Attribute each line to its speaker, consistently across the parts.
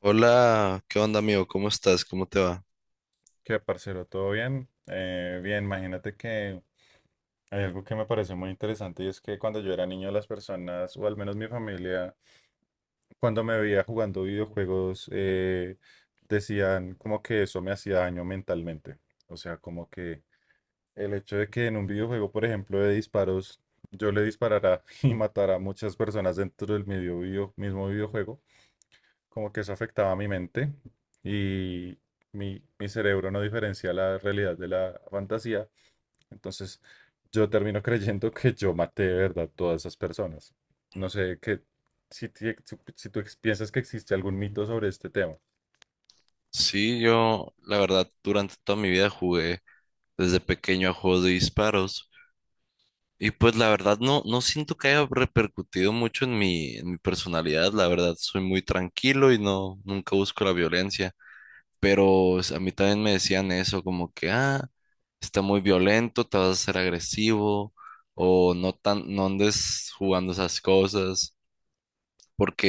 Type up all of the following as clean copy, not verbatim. Speaker 1: Hola, ¿qué onda amigo? ¿Cómo estás? ¿Cómo te va?
Speaker 2: ¿Qué, parcero? ¿Todo bien? Bien, imagínate que hay algo que me pareció muy interesante, y es que cuando yo era niño las personas, o al menos mi familia, cuando me veía jugando videojuegos, decían como que eso me hacía daño mentalmente. O sea, como que el hecho de que en un videojuego, por ejemplo, de disparos, yo le disparara y matara a muchas personas dentro del mismo videojuego, como que eso afectaba a mi mente y mi cerebro no diferencia la realidad de la fantasía. Entonces, yo termino creyendo que yo maté de verdad todas esas personas. No sé qué, si tú piensas que existe algún mito sobre este tema.
Speaker 1: Sí, yo la verdad durante toda mi vida jugué desde pequeño a juegos de disparos y pues la verdad no, no siento que haya repercutido mucho en mi personalidad, la verdad soy muy tranquilo y no, nunca busco la violencia, pero a mí también me decían eso como que, ah, está muy violento, te vas a ser agresivo o no tan, no andes jugando esas cosas,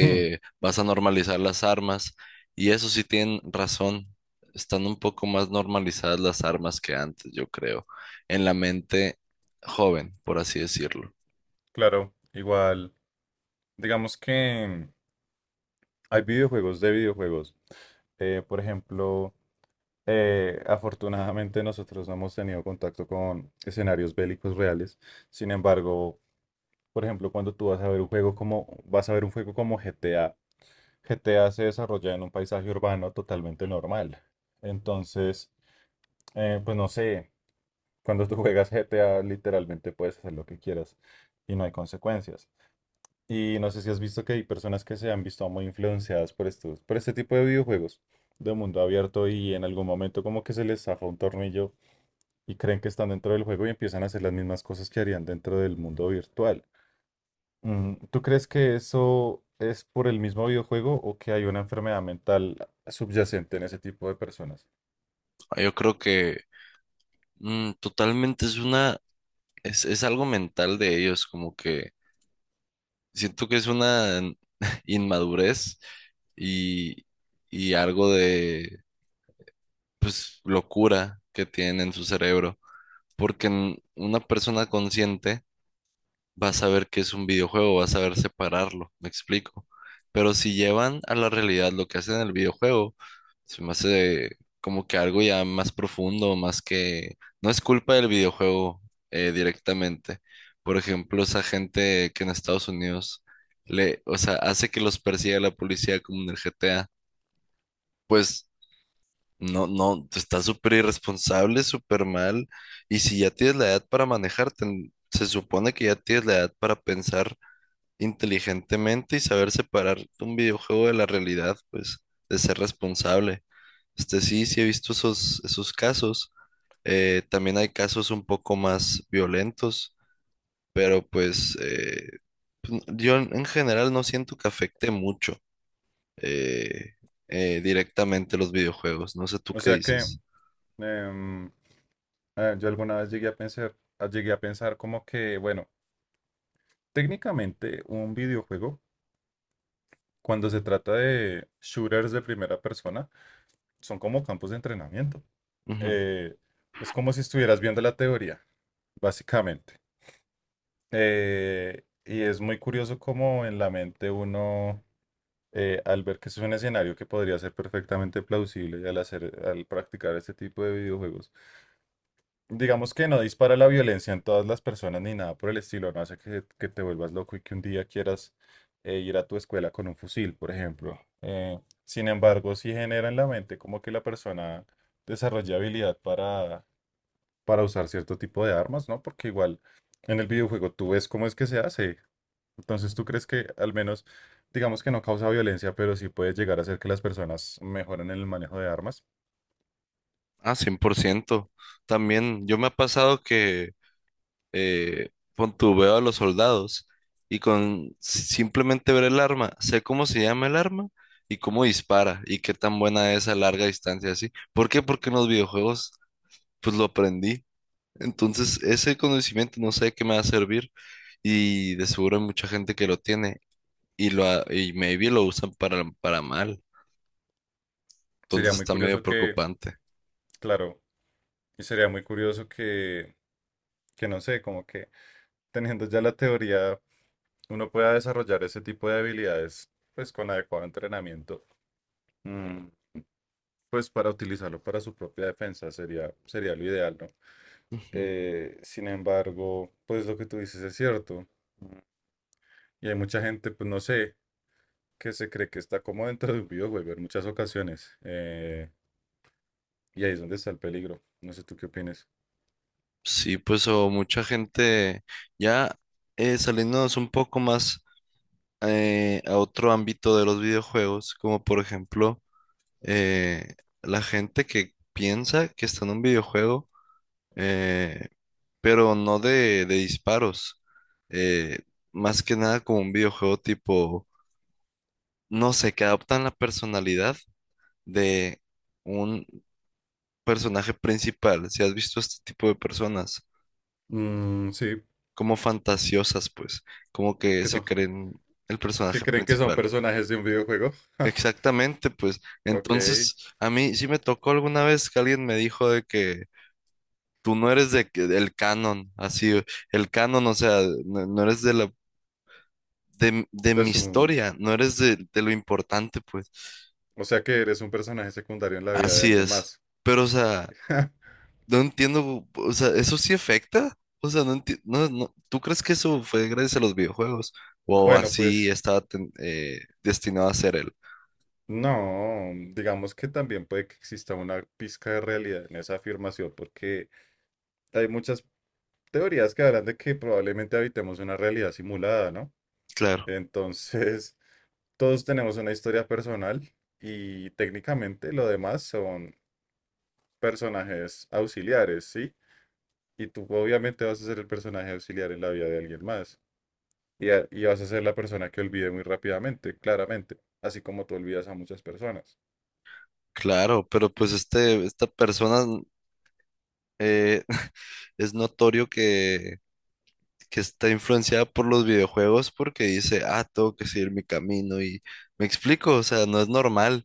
Speaker 2: Hmm,
Speaker 1: vas a normalizar las armas. Y eso sí tienen razón. Están un poco más normalizadas las armas que antes, yo creo, en la mente joven, por así decirlo.
Speaker 2: claro, igual, digamos que hay videojuegos de videojuegos. Por ejemplo, afortunadamente nosotros no hemos tenido contacto con escenarios bélicos reales. Sin embargo, por ejemplo, cuando tú vas a ver un juego como GTA. GTA se desarrolla en un paisaje urbano totalmente normal. Entonces, pues no sé, cuando tú juegas GTA literalmente puedes hacer lo que quieras y no hay consecuencias. Y no sé si has visto que hay personas que se han visto muy influenciadas por por este tipo de videojuegos de mundo abierto, y en algún momento como que se les zafa un tornillo y creen que están dentro del juego y empiezan a hacer las mismas cosas que harían dentro del mundo virtual. Mm, ¿tú crees que eso es por el mismo videojuego o que hay una enfermedad mental subyacente en ese tipo de personas?
Speaker 1: Ah, yo creo que totalmente es una, es algo mental de ellos, como que siento que es una inmadurez y, y algo de, pues, locura que tienen en su cerebro, porque una persona consciente vas a ver que es un videojuego, vas a ver separarlo, me explico. Pero si llevan a la realidad lo que hacen en el videojuego, se me hace como que algo ya más profundo, más que no es culpa del videojuego, directamente. Por ejemplo, esa gente que en Estados Unidos le, o sea, hace que los persiga la policía como en el GTA, pues no, no, está súper irresponsable, súper mal. Y si ya tienes la edad para manejar, se supone que ya tienes la edad para pensar inteligentemente y saber separar un videojuego de la realidad, pues, de ser responsable. Este sí, sí he visto esos, esos casos. También hay casos un poco más violentos, pero pues pues, yo en general no siento que afecte mucho, eh, directamente, los videojuegos. No sé tú
Speaker 2: O
Speaker 1: qué
Speaker 2: sea que
Speaker 1: dices.
Speaker 2: em, yo alguna vez llegué a pensar, llegué a pensar como que, bueno, técnicamente un videojuego, cuando se trata de shooters de primera persona, son como campos de entrenamiento.
Speaker 1: Ujú.
Speaker 2: Eh, es como si estuvieras viendo la teoría, básicamente. Y es muy curioso cómo en la mente uno, al ver que es un escenario que podría ser perfectamente plausible y al practicar este tipo de videojuegos, digamos que no dispara la violencia en todas las personas ni nada por el estilo, no hace que te vuelvas loco y que un día quieras ir a tu escuela con un fusil, por ejemplo. Sin embargo, sí genera en la mente como que la persona desarrolla habilidad para usar cierto tipo de armas, ¿no? Porque igual en el videojuego tú ves cómo es que se hace. Entonces, ¿tú crees que al menos, digamos que no causa violencia, pero sí puede llegar a hacer que las personas mejoren en el manejo de armas?
Speaker 1: Ah, 100%. También yo me ha pasado que eh, pon tu veo a los soldados y con simplemente ver el arma, sé cómo se llama el arma y cómo dispara y qué tan buena es a larga distancia así. ¿Por qué? Porque en los videojuegos pues lo aprendí. Entonces ese conocimiento no sé qué me va a servir y de seguro hay mucha gente que lo tiene y y maybe lo usan para mal. Entonces
Speaker 2: Sería muy
Speaker 1: está medio
Speaker 2: curioso que,
Speaker 1: preocupante.
Speaker 2: claro, y sería muy curioso que no sé, como que teniendo ya la teoría, uno pueda desarrollar ese tipo de habilidades, pues con adecuado entrenamiento, mm, pues para utilizarlo para su propia defensa, sería, sería lo ideal, ¿no?
Speaker 1: Ujú.
Speaker 2: Sin embargo, pues lo que tú dices es cierto. Y hay mucha gente, pues no sé, que se cree que está como dentro de un videojuego en muchas ocasiones. Y ahí es donde está el peligro. No sé tú qué opinas.
Speaker 1: Sí, pues o mucha gente ya, saliéndonos un poco más, a otro ámbito de los videojuegos, como por ejemplo, eh, la gente que piensa que está en un videojuego, eh, pero no de, de disparos, eh, más que nada como un videojuego tipo, no sé, que adoptan la personalidad de un personaje principal, si has visto este tipo de personas,
Speaker 2: Mm, sí,
Speaker 1: como fantasiosas, pues, como que
Speaker 2: ¿qué
Speaker 1: se
Speaker 2: son?
Speaker 1: creen el
Speaker 2: ¿Qué
Speaker 1: personaje
Speaker 2: creen que son
Speaker 1: principal.
Speaker 2: personajes de un videojuego? Ja,
Speaker 1: Exactamente, pues
Speaker 2: ok.
Speaker 1: entonces a mí sí me tocó alguna vez que alguien me dijo de que tú no eres de, del canon, así, el canon, o sea, no, no eres de la, de
Speaker 2: De
Speaker 1: mi
Speaker 2: su...
Speaker 1: historia, no eres de lo importante, pues,
Speaker 2: O sea que eres un personaje secundario en la vida de
Speaker 1: así
Speaker 2: alguien
Speaker 1: es.
Speaker 2: más.
Speaker 1: Pero, o sea, no entiendo, o sea, ¿eso sí afecta? O sea, no entiendo, no, no, ¿tú crees que eso fue gracias a los videojuegos? ¿O
Speaker 2: Bueno,
Speaker 1: así
Speaker 2: pues
Speaker 1: estaba destinado a ser él?
Speaker 2: no, digamos que también puede que exista una pizca de realidad en esa afirmación, porque hay muchas teorías que hablan de que probablemente habitemos una realidad simulada, ¿no?
Speaker 1: Claro,
Speaker 2: Entonces, todos tenemos una historia personal y técnicamente lo demás son personajes auxiliares, ¿sí? Y tú obviamente vas a ser el personaje auxiliar en la vida de alguien más. Y vas a ser la persona que olvide muy rápidamente, claramente, así como tú olvidas a muchas personas.
Speaker 1: claro, pero pues este, esta persona... eh, es notorio que está influenciada por los videojuegos porque dice, ah, tengo que seguir mi camino y me explico, o sea, no es normal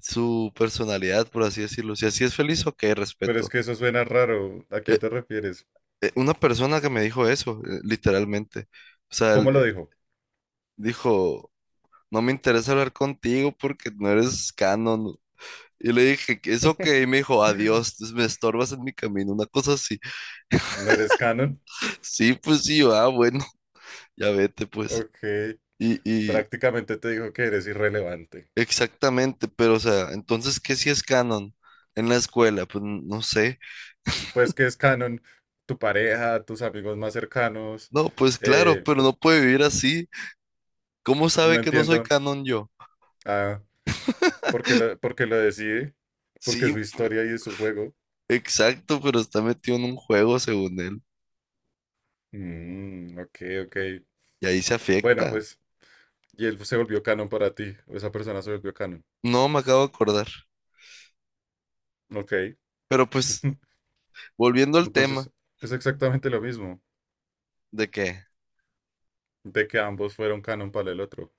Speaker 1: su personalidad, por así decirlo. Si así es feliz, ok,
Speaker 2: Pero es
Speaker 1: respeto.
Speaker 2: que eso suena raro. ¿A quién
Speaker 1: Eh,
Speaker 2: te refieres?
Speaker 1: una persona que me dijo eso, literalmente, o sea, él,
Speaker 2: ¿Cómo lo dijo?
Speaker 1: dijo, no me interesa hablar contigo porque no eres canon. Y le dije, es ok, y me dijo, adiós, me estorbas en mi camino, una cosa así.
Speaker 2: ¿No eres canon?
Speaker 1: Sí, pues sí, ah, bueno, ya vete, pues.
Speaker 2: Ok,
Speaker 1: Y,
Speaker 2: prácticamente te dijo que eres irrelevante.
Speaker 1: exactamente, pero o sea, entonces, ¿qué si es canon en la escuela? Pues no sé.
Speaker 2: Pues que es canon tu pareja, tus amigos más cercanos,
Speaker 1: No, pues claro,
Speaker 2: eh,
Speaker 1: pero no puede vivir así. ¿Cómo
Speaker 2: no
Speaker 1: sabe que no soy
Speaker 2: entiendo.
Speaker 1: canon yo?
Speaker 2: Ah, ¿por qué por qué lo decide? Porque es
Speaker 1: Sí,
Speaker 2: su historia y es su juego.
Speaker 1: exacto, pero está metido en un juego según él.
Speaker 2: Mm, ok, ok.
Speaker 1: Y ahí se
Speaker 2: Bueno,
Speaker 1: afecta.
Speaker 2: pues, y él se volvió canon para ti. O esa persona se volvió canon.
Speaker 1: No, me acabo de acordar.
Speaker 2: Ok.
Speaker 1: Pero pues, volviendo al tema
Speaker 2: Entonces, es exactamente lo mismo,
Speaker 1: de que,
Speaker 2: de que ambos fueron canon para el otro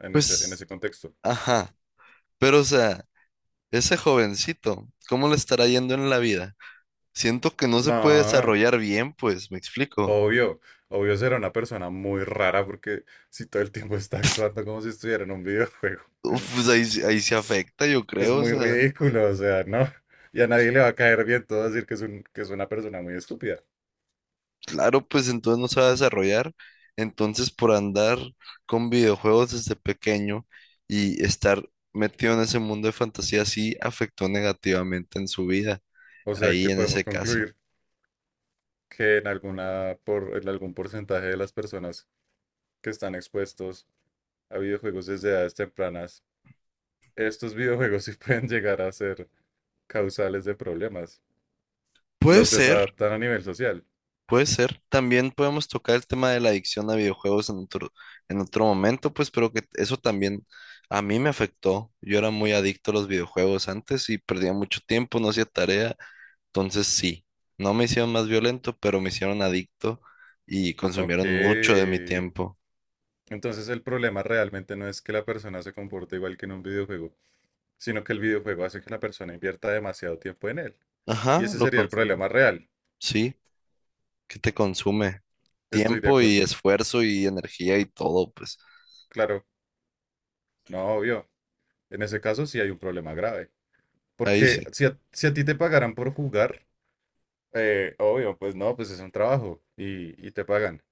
Speaker 2: en
Speaker 1: pues,
Speaker 2: ese contexto.
Speaker 1: ajá, pero o sea, ese jovencito, ¿cómo le estará yendo en la vida? Siento que no se puede
Speaker 2: No,
Speaker 1: desarrollar bien, pues, me explico.
Speaker 2: obvio. Obvio será una persona muy rara, porque si todo el tiempo está actuando como si estuviera en un videojuego.
Speaker 1: Uf, pues ahí, ahí se afecta, yo
Speaker 2: Es
Speaker 1: creo, o
Speaker 2: muy
Speaker 1: sea,
Speaker 2: ridículo, o sea, ¿no? Y a nadie le va a caer bien todo decir que es que es una persona muy estúpida.
Speaker 1: claro, pues entonces no se va a desarrollar. Entonces, por andar con videojuegos desde pequeño y estar metido en ese mundo de fantasía, sí afectó negativamente en su vida,
Speaker 2: O sea,
Speaker 1: ahí
Speaker 2: que
Speaker 1: en ese
Speaker 2: podemos
Speaker 1: caso.
Speaker 2: concluir que en en algún porcentaje de las personas que están expuestos a videojuegos desde edades tempranas, estos videojuegos sí pueden llegar a ser causales de problemas.
Speaker 1: Puede
Speaker 2: Los
Speaker 1: ser,
Speaker 2: desadaptan a nivel social.
Speaker 1: puede ser. También podemos tocar el tema de la adicción a videojuegos en otro momento, pues, pero que eso también a mí me afectó. Yo era muy adicto a los videojuegos antes y perdía mucho tiempo, no hacía tarea. Entonces sí, no me hicieron más violento, pero me hicieron adicto y
Speaker 2: Ok.
Speaker 1: consumieron mucho de mi tiempo.
Speaker 2: Entonces el problema realmente no es que la persona se comporte igual que en un videojuego, sino que el videojuego hace que la persona invierta demasiado tiempo en él. Y
Speaker 1: Ajá,
Speaker 2: ese
Speaker 1: lo
Speaker 2: sería el
Speaker 1: consumo.
Speaker 2: problema real.
Speaker 1: Sí, ¿qué te consume?
Speaker 2: Estoy de
Speaker 1: Tiempo y
Speaker 2: acuerdo.
Speaker 1: esfuerzo y energía y todo, pues.
Speaker 2: Claro, no, obvio. En ese caso sí hay un problema grave.
Speaker 1: Ahí
Speaker 2: Porque
Speaker 1: sí.
Speaker 2: si si a ti te pagaran por jugar, obvio, pues no, pues es un trabajo y te pagan.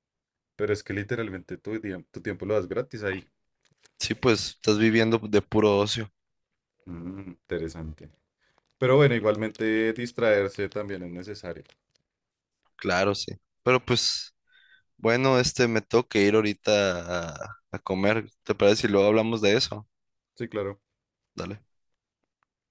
Speaker 2: Pero es que literalmente tu tiempo lo das gratis ahí.
Speaker 1: Sí, pues estás viviendo de puro ocio.
Speaker 2: Mm, interesante. Pero bueno, igualmente distraerse también es necesario.
Speaker 1: Claro, sí. Pero pues, bueno, este me tengo que ir ahorita a comer. ¿Te parece si luego hablamos de eso?
Speaker 2: Sí, claro.
Speaker 1: Dale.